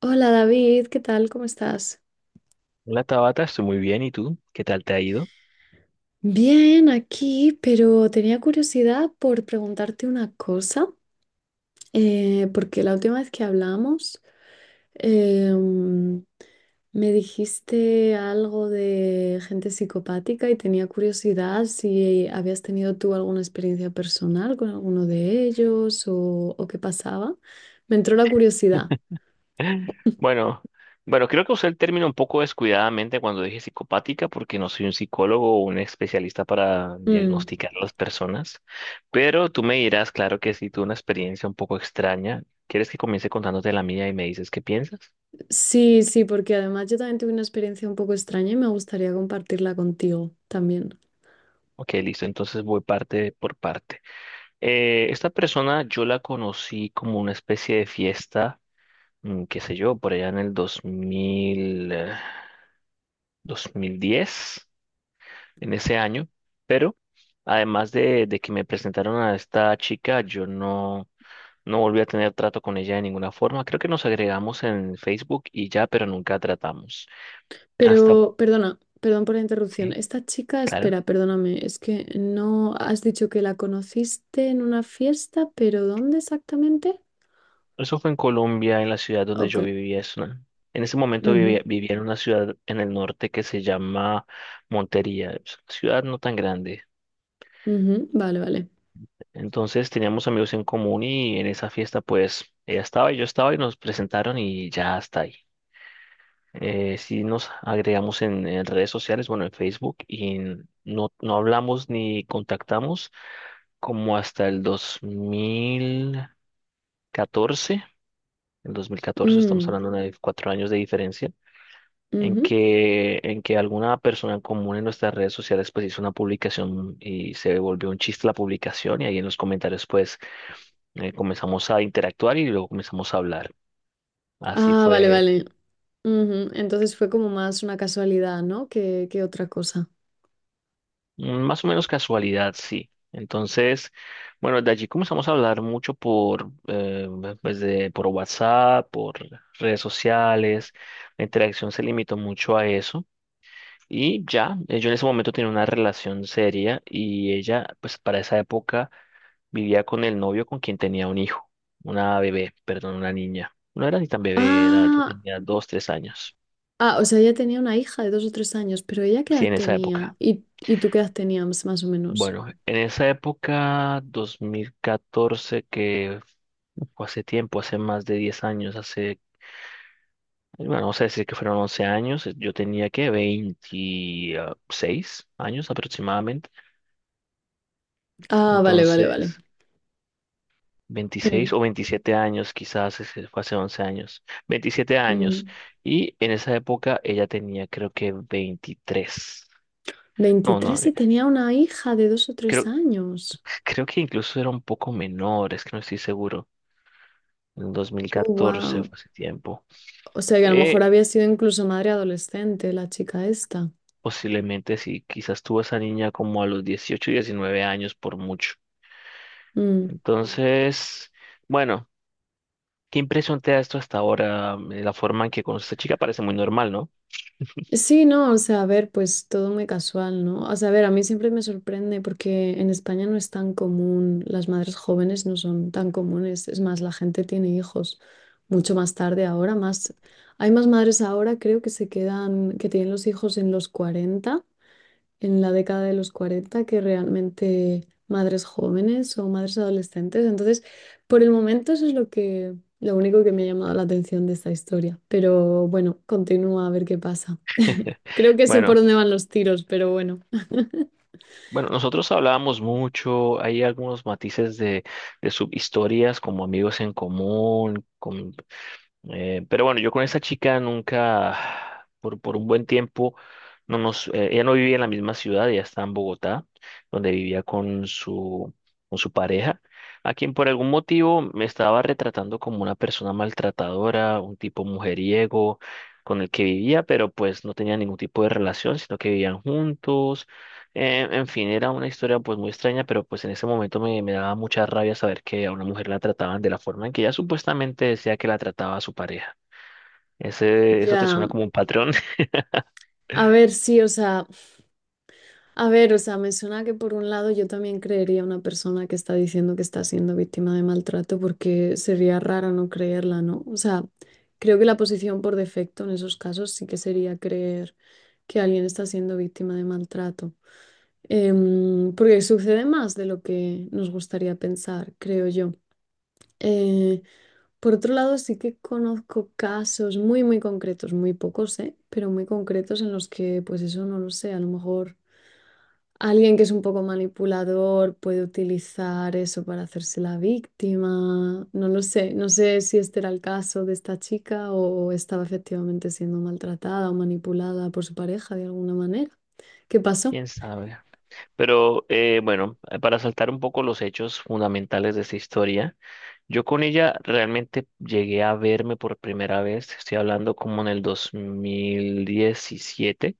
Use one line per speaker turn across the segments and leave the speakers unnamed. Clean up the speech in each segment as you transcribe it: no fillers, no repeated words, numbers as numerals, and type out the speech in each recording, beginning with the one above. Hola David, ¿qué tal? ¿Cómo estás?
Hola Tabata, estoy muy bien. ¿Y tú? ¿Qué tal te ha ido?
Bien, aquí, pero tenía curiosidad por preguntarte una cosa, porque la última vez que hablamos em, me dijiste algo de gente psicopática y tenía curiosidad si habías tenido tú alguna experiencia personal con alguno de ellos o qué pasaba. Me entró la curiosidad.
Bueno, bueno, creo que usé el término un poco descuidadamente cuando dije psicopática, porque no soy un psicólogo o un especialista para
Mm.
diagnosticar a las personas, pero tú me dirás, claro que sí, tuve una experiencia un poco extraña. ¿Quieres que comience contándote la mía y me dices qué piensas?
Sí, sí, porque además yo también tuve una experiencia un poco extraña y me gustaría compartirla contigo también.
Ok, listo, entonces voy parte por parte. Esta persona yo la conocí como una especie de fiesta, qué sé yo, por allá en el 2000, 2010. En ese año, pero además de que me presentaron a esta chica, yo no, no volví a tener trato con ella de ninguna forma. Creo que nos agregamos en Facebook y ya, pero nunca tratamos. Hasta,
Pero, perdona, perdón por la interrupción.
sí,
Esta chica,
claro.
espera, perdóname, es que no has dicho que la conociste en una fiesta, pero ¿dónde exactamente?
Eso fue en Colombia, en la ciudad donde
Ok.
yo vivía. En ese momento vivía,
Ujú.
vivía en una ciudad en el norte que se llama Montería, es una ciudad no tan grande.
Ujú, vale, vale.
Entonces teníamos amigos en común y en esa fiesta pues ella estaba y yo estaba y nos presentaron y ya hasta ahí. Sí nos agregamos en redes sociales, bueno, en Facebook, y no hablamos ni contactamos como hasta el 2014. El 2014 estamos
Mm,
hablando de 4 años de diferencia, en
ujú.
que alguna persona en común en nuestras redes sociales pues hizo una publicación y se volvió un chiste la publicación y ahí en los comentarios comenzamos a interactuar y luego comenzamos a hablar. Así
Ah, vale,
fue.
vale. Ujú, entonces fue como más una casualidad, ¿no? Que otra cosa.
Mm. Más o menos casualidad, sí. Entonces, bueno, de allí comenzamos a hablar mucho por WhatsApp, por redes sociales. La interacción se limitó mucho a eso. Y ya, yo en ese momento tenía una relación seria y ella, pues para esa época, vivía con el novio con quien tenía un hijo, una bebé, perdón, una niña. No era ni tan bebé, era, yo
Ah,
tenía 2, 3 años.
Ah, o sea, ella tenía una hija de dos o tres años, pero ¿ella qué
Sí,
edad
en esa
tenía?
época.
Y tú qué edad tenías, más o menos?
Bueno, en esa época, 2014 que o hace tiempo, hace más de 10 años, hace, bueno, vamos a decir que fueron 11 años, yo tenía que 26 años aproximadamente,
Ah, vale, vale, vale.
entonces veintiséis
Mm,
o veintisiete años quizás, ese fue hace 11 años, 27 años,
mm.
y en esa época ella tenía creo que 23, no, no,
23
eh,
y tenía una hija de dos o tres
creo,
años.
creo que incluso era un poco menor, es que no estoy seguro. En 2014
Wow.
fue hace tiempo.
O sea, que a lo
Eh,
mejor había sido incluso madre adolescente la chica esta.
Posiblemente sí, quizás tuvo esa niña como a los 18, 19 años por mucho.
Mm.
Entonces, bueno, ¿qué impresión te da esto hasta ahora? La forma en que conoces a esta chica parece muy normal, ¿no?
Sí, no, o sea, a ver, pues todo muy casual, ¿no? O sea, a ver, a mí siempre me sorprende porque en España no es tan común, las madres jóvenes no son tan comunes, es más, la gente tiene hijos mucho más tarde ahora, más, hay más madres ahora, creo que se quedan, que tienen los hijos en los 40, en la década de los 40, que realmente madres jóvenes o madres adolescentes. Entonces, por el momento eso es lo que, lo único que me ha llamado la atención de esta historia, pero bueno, continúa a ver qué pasa. Creo que sé por
Bueno,
dónde van los tiros, pero bueno,
bueno, nosotros hablábamos mucho, hay algunos matices de subhistorias como amigos en común, pero bueno, yo con esa chica nunca, por un buen tiempo, ella no vivía en la misma ciudad, ella está en Bogotá, donde vivía con su pareja, a quien por algún motivo me estaba retratando como una persona maltratadora, un tipo mujeriego con el que vivía, pero pues no tenía ningún tipo de relación, sino que vivían juntos. En fin, era una historia pues muy extraña, pero pues en ese momento me daba mucha rabia saber que a una mujer la trataban de la forma en que ella supuestamente decía que la trataba a su pareja. Eso te
ya.
suena como un patrón.
A ver, sí, o sea, a ver, o sea, me suena que por un lado yo también creería a una persona que está diciendo que está siendo víctima de maltrato porque sería raro no creerla, ¿no? O sea, creo que la posición por defecto en esos casos sí que sería creer que alguien está siendo víctima de maltrato. Porque sucede más de lo que nos gustaría pensar, creo yo. Eh, Por otro lado, sí que conozco casos muy, muy concretos, muy pocos, ¿eh? Pero muy concretos en los que, pues eso no lo sé, a lo mejor alguien que es un poco manipulador puede utilizar eso para hacerse la víctima, no lo sé, no sé si este era el caso de esta chica o estaba efectivamente siendo maltratada o manipulada por su pareja de alguna manera. ¿Qué pasó?
Quién sabe. Pero bueno, para saltar un poco los hechos fundamentales de esta historia, yo con ella realmente llegué a verme por primera vez, estoy hablando como en el 2017,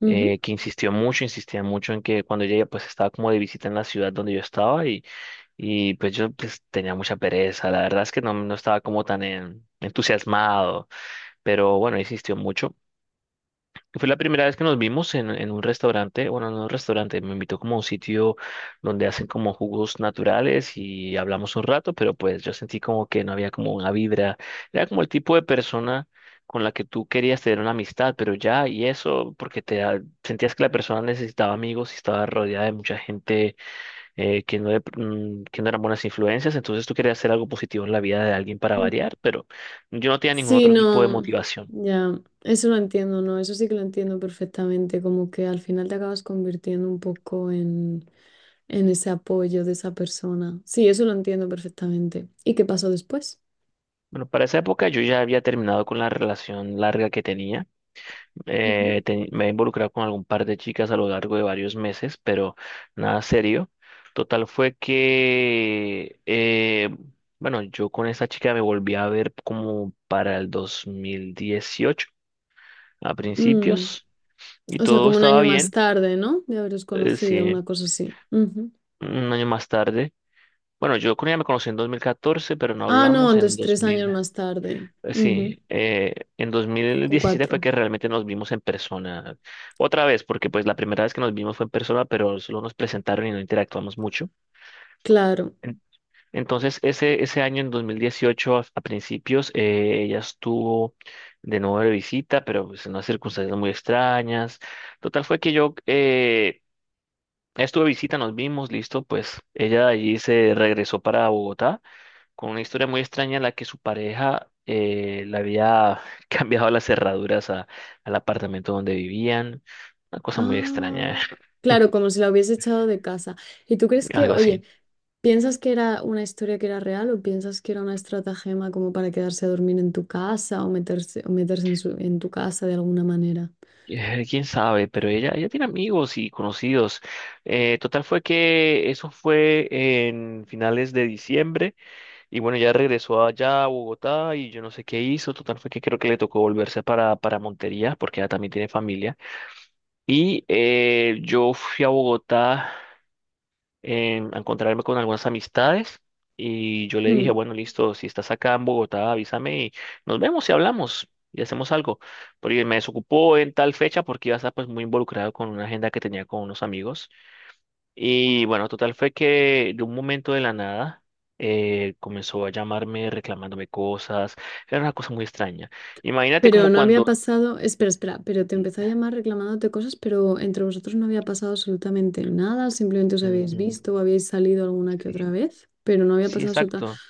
Ujú.
que insistió mucho, insistía mucho en que cuando ella pues estaba como de visita en la ciudad donde yo estaba. Y pues yo pues, tenía mucha pereza, la verdad es que no estaba como tan entusiasmado, pero bueno, insistió mucho. Y fue la primera vez que nos vimos en un restaurante, bueno, no un restaurante, me invitó como a un sitio donde hacen como jugos naturales y hablamos un rato, pero pues yo sentí como que no había como una vibra, era como el tipo de persona con la que tú querías tener una amistad, pero ya, y eso porque sentías que la persona necesitaba amigos y estaba rodeada de mucha gente que no eran buenas influencias, entonces tú querías hacer algo positivo en la vida de alguien para variar, pero yo no tenía ningún
Sí,
otro tipo de
no,
motivación.
ya, eso lo entiendo, ¿no? Eso sí que lo entiendo perfectamente, como que al final te acabas convirtiendo un poco en ese apoyo de esa persona. Sí, eso lo entiendo perfectamente. ¿Y qué pasó después?
Bueno, para esa época yo ya había terminado con la relación larga que tenía.
Ujú.
Me he involucrado con algún par de chicas a lo largo de varios meses, pero nada serio. Total fue que, bueno, yo con esa chica me volví a ver como para el 2018 a
Mm,
principios, y
o sea,
todo
como un
estaba
año más
bien.
tarde, ¿no? De haberos conocido,
Sí,
una cosa así. Ujú.
un año más tarde. Bueno, yo con ella me conocí en 2014, pero no
Ah, no,
hablamos en
entonces tres
2000.
años más tarde.
Eh,
Ujú,
Sí, eh, en dos mil
o
diecisiete fue
cuatro,
que realmente nos vimos en persona. Otra vez, porque pues la primera vez que nos vimos fue en persona, pero solo nos presentaron y no interactuamos mucho.
claro.
En- Entonces, ese año, en 2018, a principios, ella estuvo de nuevo de visita, pero pues, en unas circunstancias muy extrañas. Total fue que estuve de visita, nos vimos, listo, pues ella allí se regresó para Bogotá con una historia muy extraña en la que su pareja le había cambiado las cerraduras al apartamento donde vivían. Una cosa muy extraña,
Ah, claro, como si la hubiese echado de casa. ¿Y tú crees que,
algo
oye,
así.
piensas que era una historia que era real o piensas que era una estratagema como para quedarse a dormir en tu casa o meterse en su- en tu casa de alguna manera?
Quién sabe, pero ella tiene amigos y conocidos. Total fue que eso fue en finales de diciembre y bueno, ya regresó allá a Bogotá y yo no sé qué hizo. Total fue que creo que le tocó volverse para Montería porque ella también tiene familia. Y yo fui a Bogotá, a encontrarme con algunas amistades y yo le dije,
Hmm,
bueno, listo, si estás acá en Bogotá, avísame y nos vemos y hablamos y hacemos algo. Porque me desocupó en tal fecha porque iba a estar pues muy involucrado con una agenda que tenía con unos amigos. Y bueno, total fue que de un momento de la nada, comenzó a llamarme reclamándome cosas, era una cosa muy extraña. Imagínate
pero
como
no había
cuando...
pasado, espera, espera, pero te empezó
Mm,
a llamar reclamándote cosas, pero entre vosotros no había pasado absolutamente nada, simplemente os
mm,
habéis
mm,
visto o habéis salido alguna que otra
sí,
vez, pero no había
sí,
pasado absolutamente...
exacto.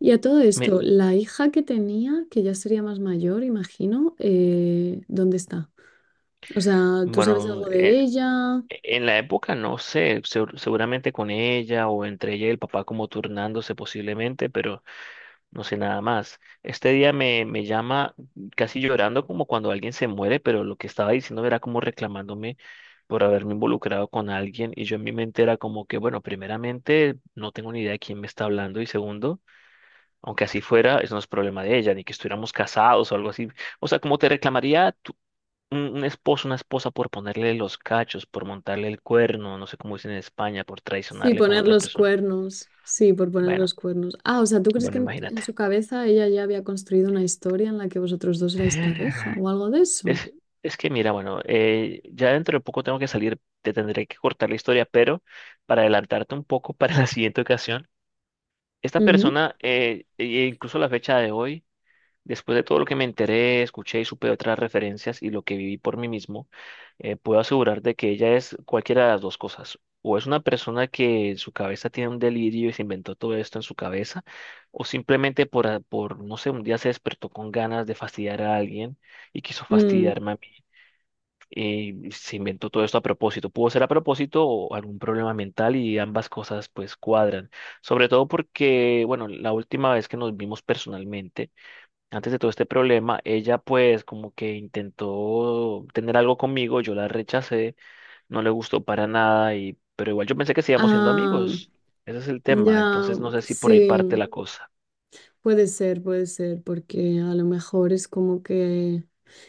Y a todo
Me-
esto, la hija que tenía, que ya sería más mayor, imagino, ¿dónde está? O sea, ¿tú sabes
bueno,
algo
e-
de ella?
En la época, no sé, seguramente con ella o entre ella y el papá como turnándose posiblemente, pero no sé nada más. Este día me llama casi llorando como cuando alguien se muere, pero lo que estaba diciendo era como reclamándome por haberme involucrado con alguien y yo en mi mente era como que, bueno, primeramente no tengo ni idea de quién me está hablando y segundo, aunque así fuera, eso no es problema de ella, ni que estuviéramos casados o algo así. O sea, como te reclamaría un esposo, una esposa por ponerle los cachos, por montarle el cuerno, no sé cómo dicen en España, por
Sí,
traicionarle con
poner
otra
los
persona.
cuernos. Sí, por poner los
Bueno,
cuernos. Ah, o sea, ¿tú crees que
bueno,
en
imagínate.
su cabeza ella ya había construido una historia en la que vosotros dos erais pareja o algo de eso?
Es, es que mira, bueno, ya dentro de poco tengo que salir, te tendré que cortar la historia, pero para adelantarte un poco para la siguiente ocasión, esta
Ujú.
persona, e incluso la fecha de hoy, después de todo lo que me enteré, escuché y supe de otras referencias y lo que viví por mí mismo, puedo asegurar de que ella es cualquiera de las dos cosas. O es una persona que en su cabeza tiene un delirio y se inventó todo esto en su cabeza, o simplemente por no sé, un día se despertó con ganas de fastidiar a alguien y quiso
Mm.
fastidiarme a mí. Y se inventó todo esto a propósito. Pudo ser a propósito o algún problema mental y ambas cosas pues cuadran. Sobre todo porque, bueno, la última vez que nos vimos personalmente, antes de todo este problema, ella pues como que intentó tener algo conmigo, yo la rechacé, no le gustó para nada y pero igual yo pensé que sigamos siendo
Ah,
amigos. Ese es el tema,
ya,
entonces no sé si por ahí parte
sí.
la cosa.
Puede ser, porque a lo mejor es como que...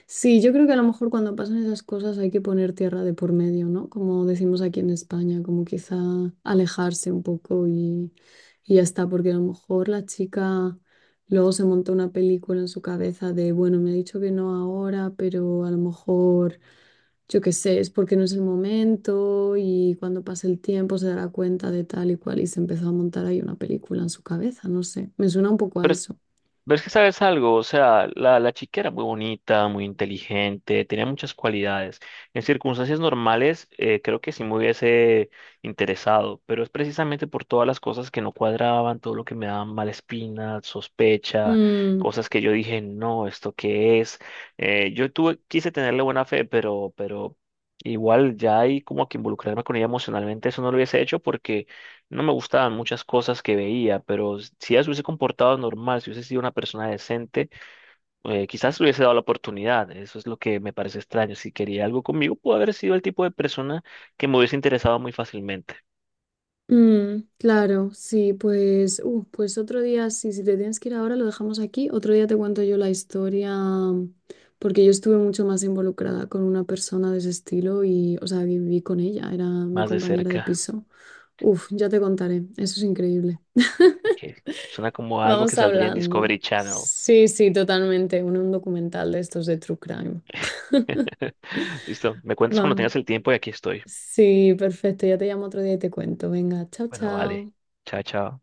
Sí, yo creo que a lo mejor cuando pasan esas cosas hay que poner tierra de por medio, ¿no? Como decimos aquí en España, como quizá alejarse un poco y ya está, porque a lo mejor la chica luego se montó una película en su cabeza de, bueno, me ha dicho que no ahora, pero a lo mejor yo qué sé, es porque no es el momento y cuando pase el tiempo se dará cuenta de tal y cual y se empezó a montar ahí una película en su cabeza, no sé, me suena un poco a eso.
Ves que sabes algo, o sea, la chica era muy bonita, muy inteligente, tenía muchas cualidades. En circunstancias normales, creo que sí me hubiese interesado, pero es precisamente por todas las cosas que no cuadraban, todo lo que me daban mala espina, sospecha,
Mm,
cosas que yo dije, no, ¿esto qué es? Yo tuve, quise tenerle buena fe, pero igual ya ahí como que involucrarme con ella emocionalmente, eso no lo hubiese hecho porque no me gustaban muchas cosas que veía, pero si ella se hubiese comportado normal, si hubiese sido una persona decente, quizás le hubiese dado la oportunidad. Eso es lo que me parece extraño. Si quería algo conmigo, pudo haber sido el tipo de persona que me hubiese interesado muy fácilmente,
mm, claro, sí, pues, pues otro día, sí, si te tienes que ir ahora, lo dejamos aquí, otro día te cuento yo la historia, mm, porque yo estuve mucho más involucrada con una persona de ese estilo y, o sea, viví con ella, era mi
más de
compañera de
cerca,
piso. Uf, ya te contaré, eso es increíble.
que suena como algo que
Vamos
saldría en
hablando.
Discovery Channel.
Sí, sí, totalmente. Uno, un documental de estos de True Crime.
Listo, me cuentas cuando
Va.
tengas el tiempo y aquí estoy.
Sí, perfecto. Ya te llamo otro día y te cuento. Venga, chao,
Bueno, vale.
chao.
Chao, chao.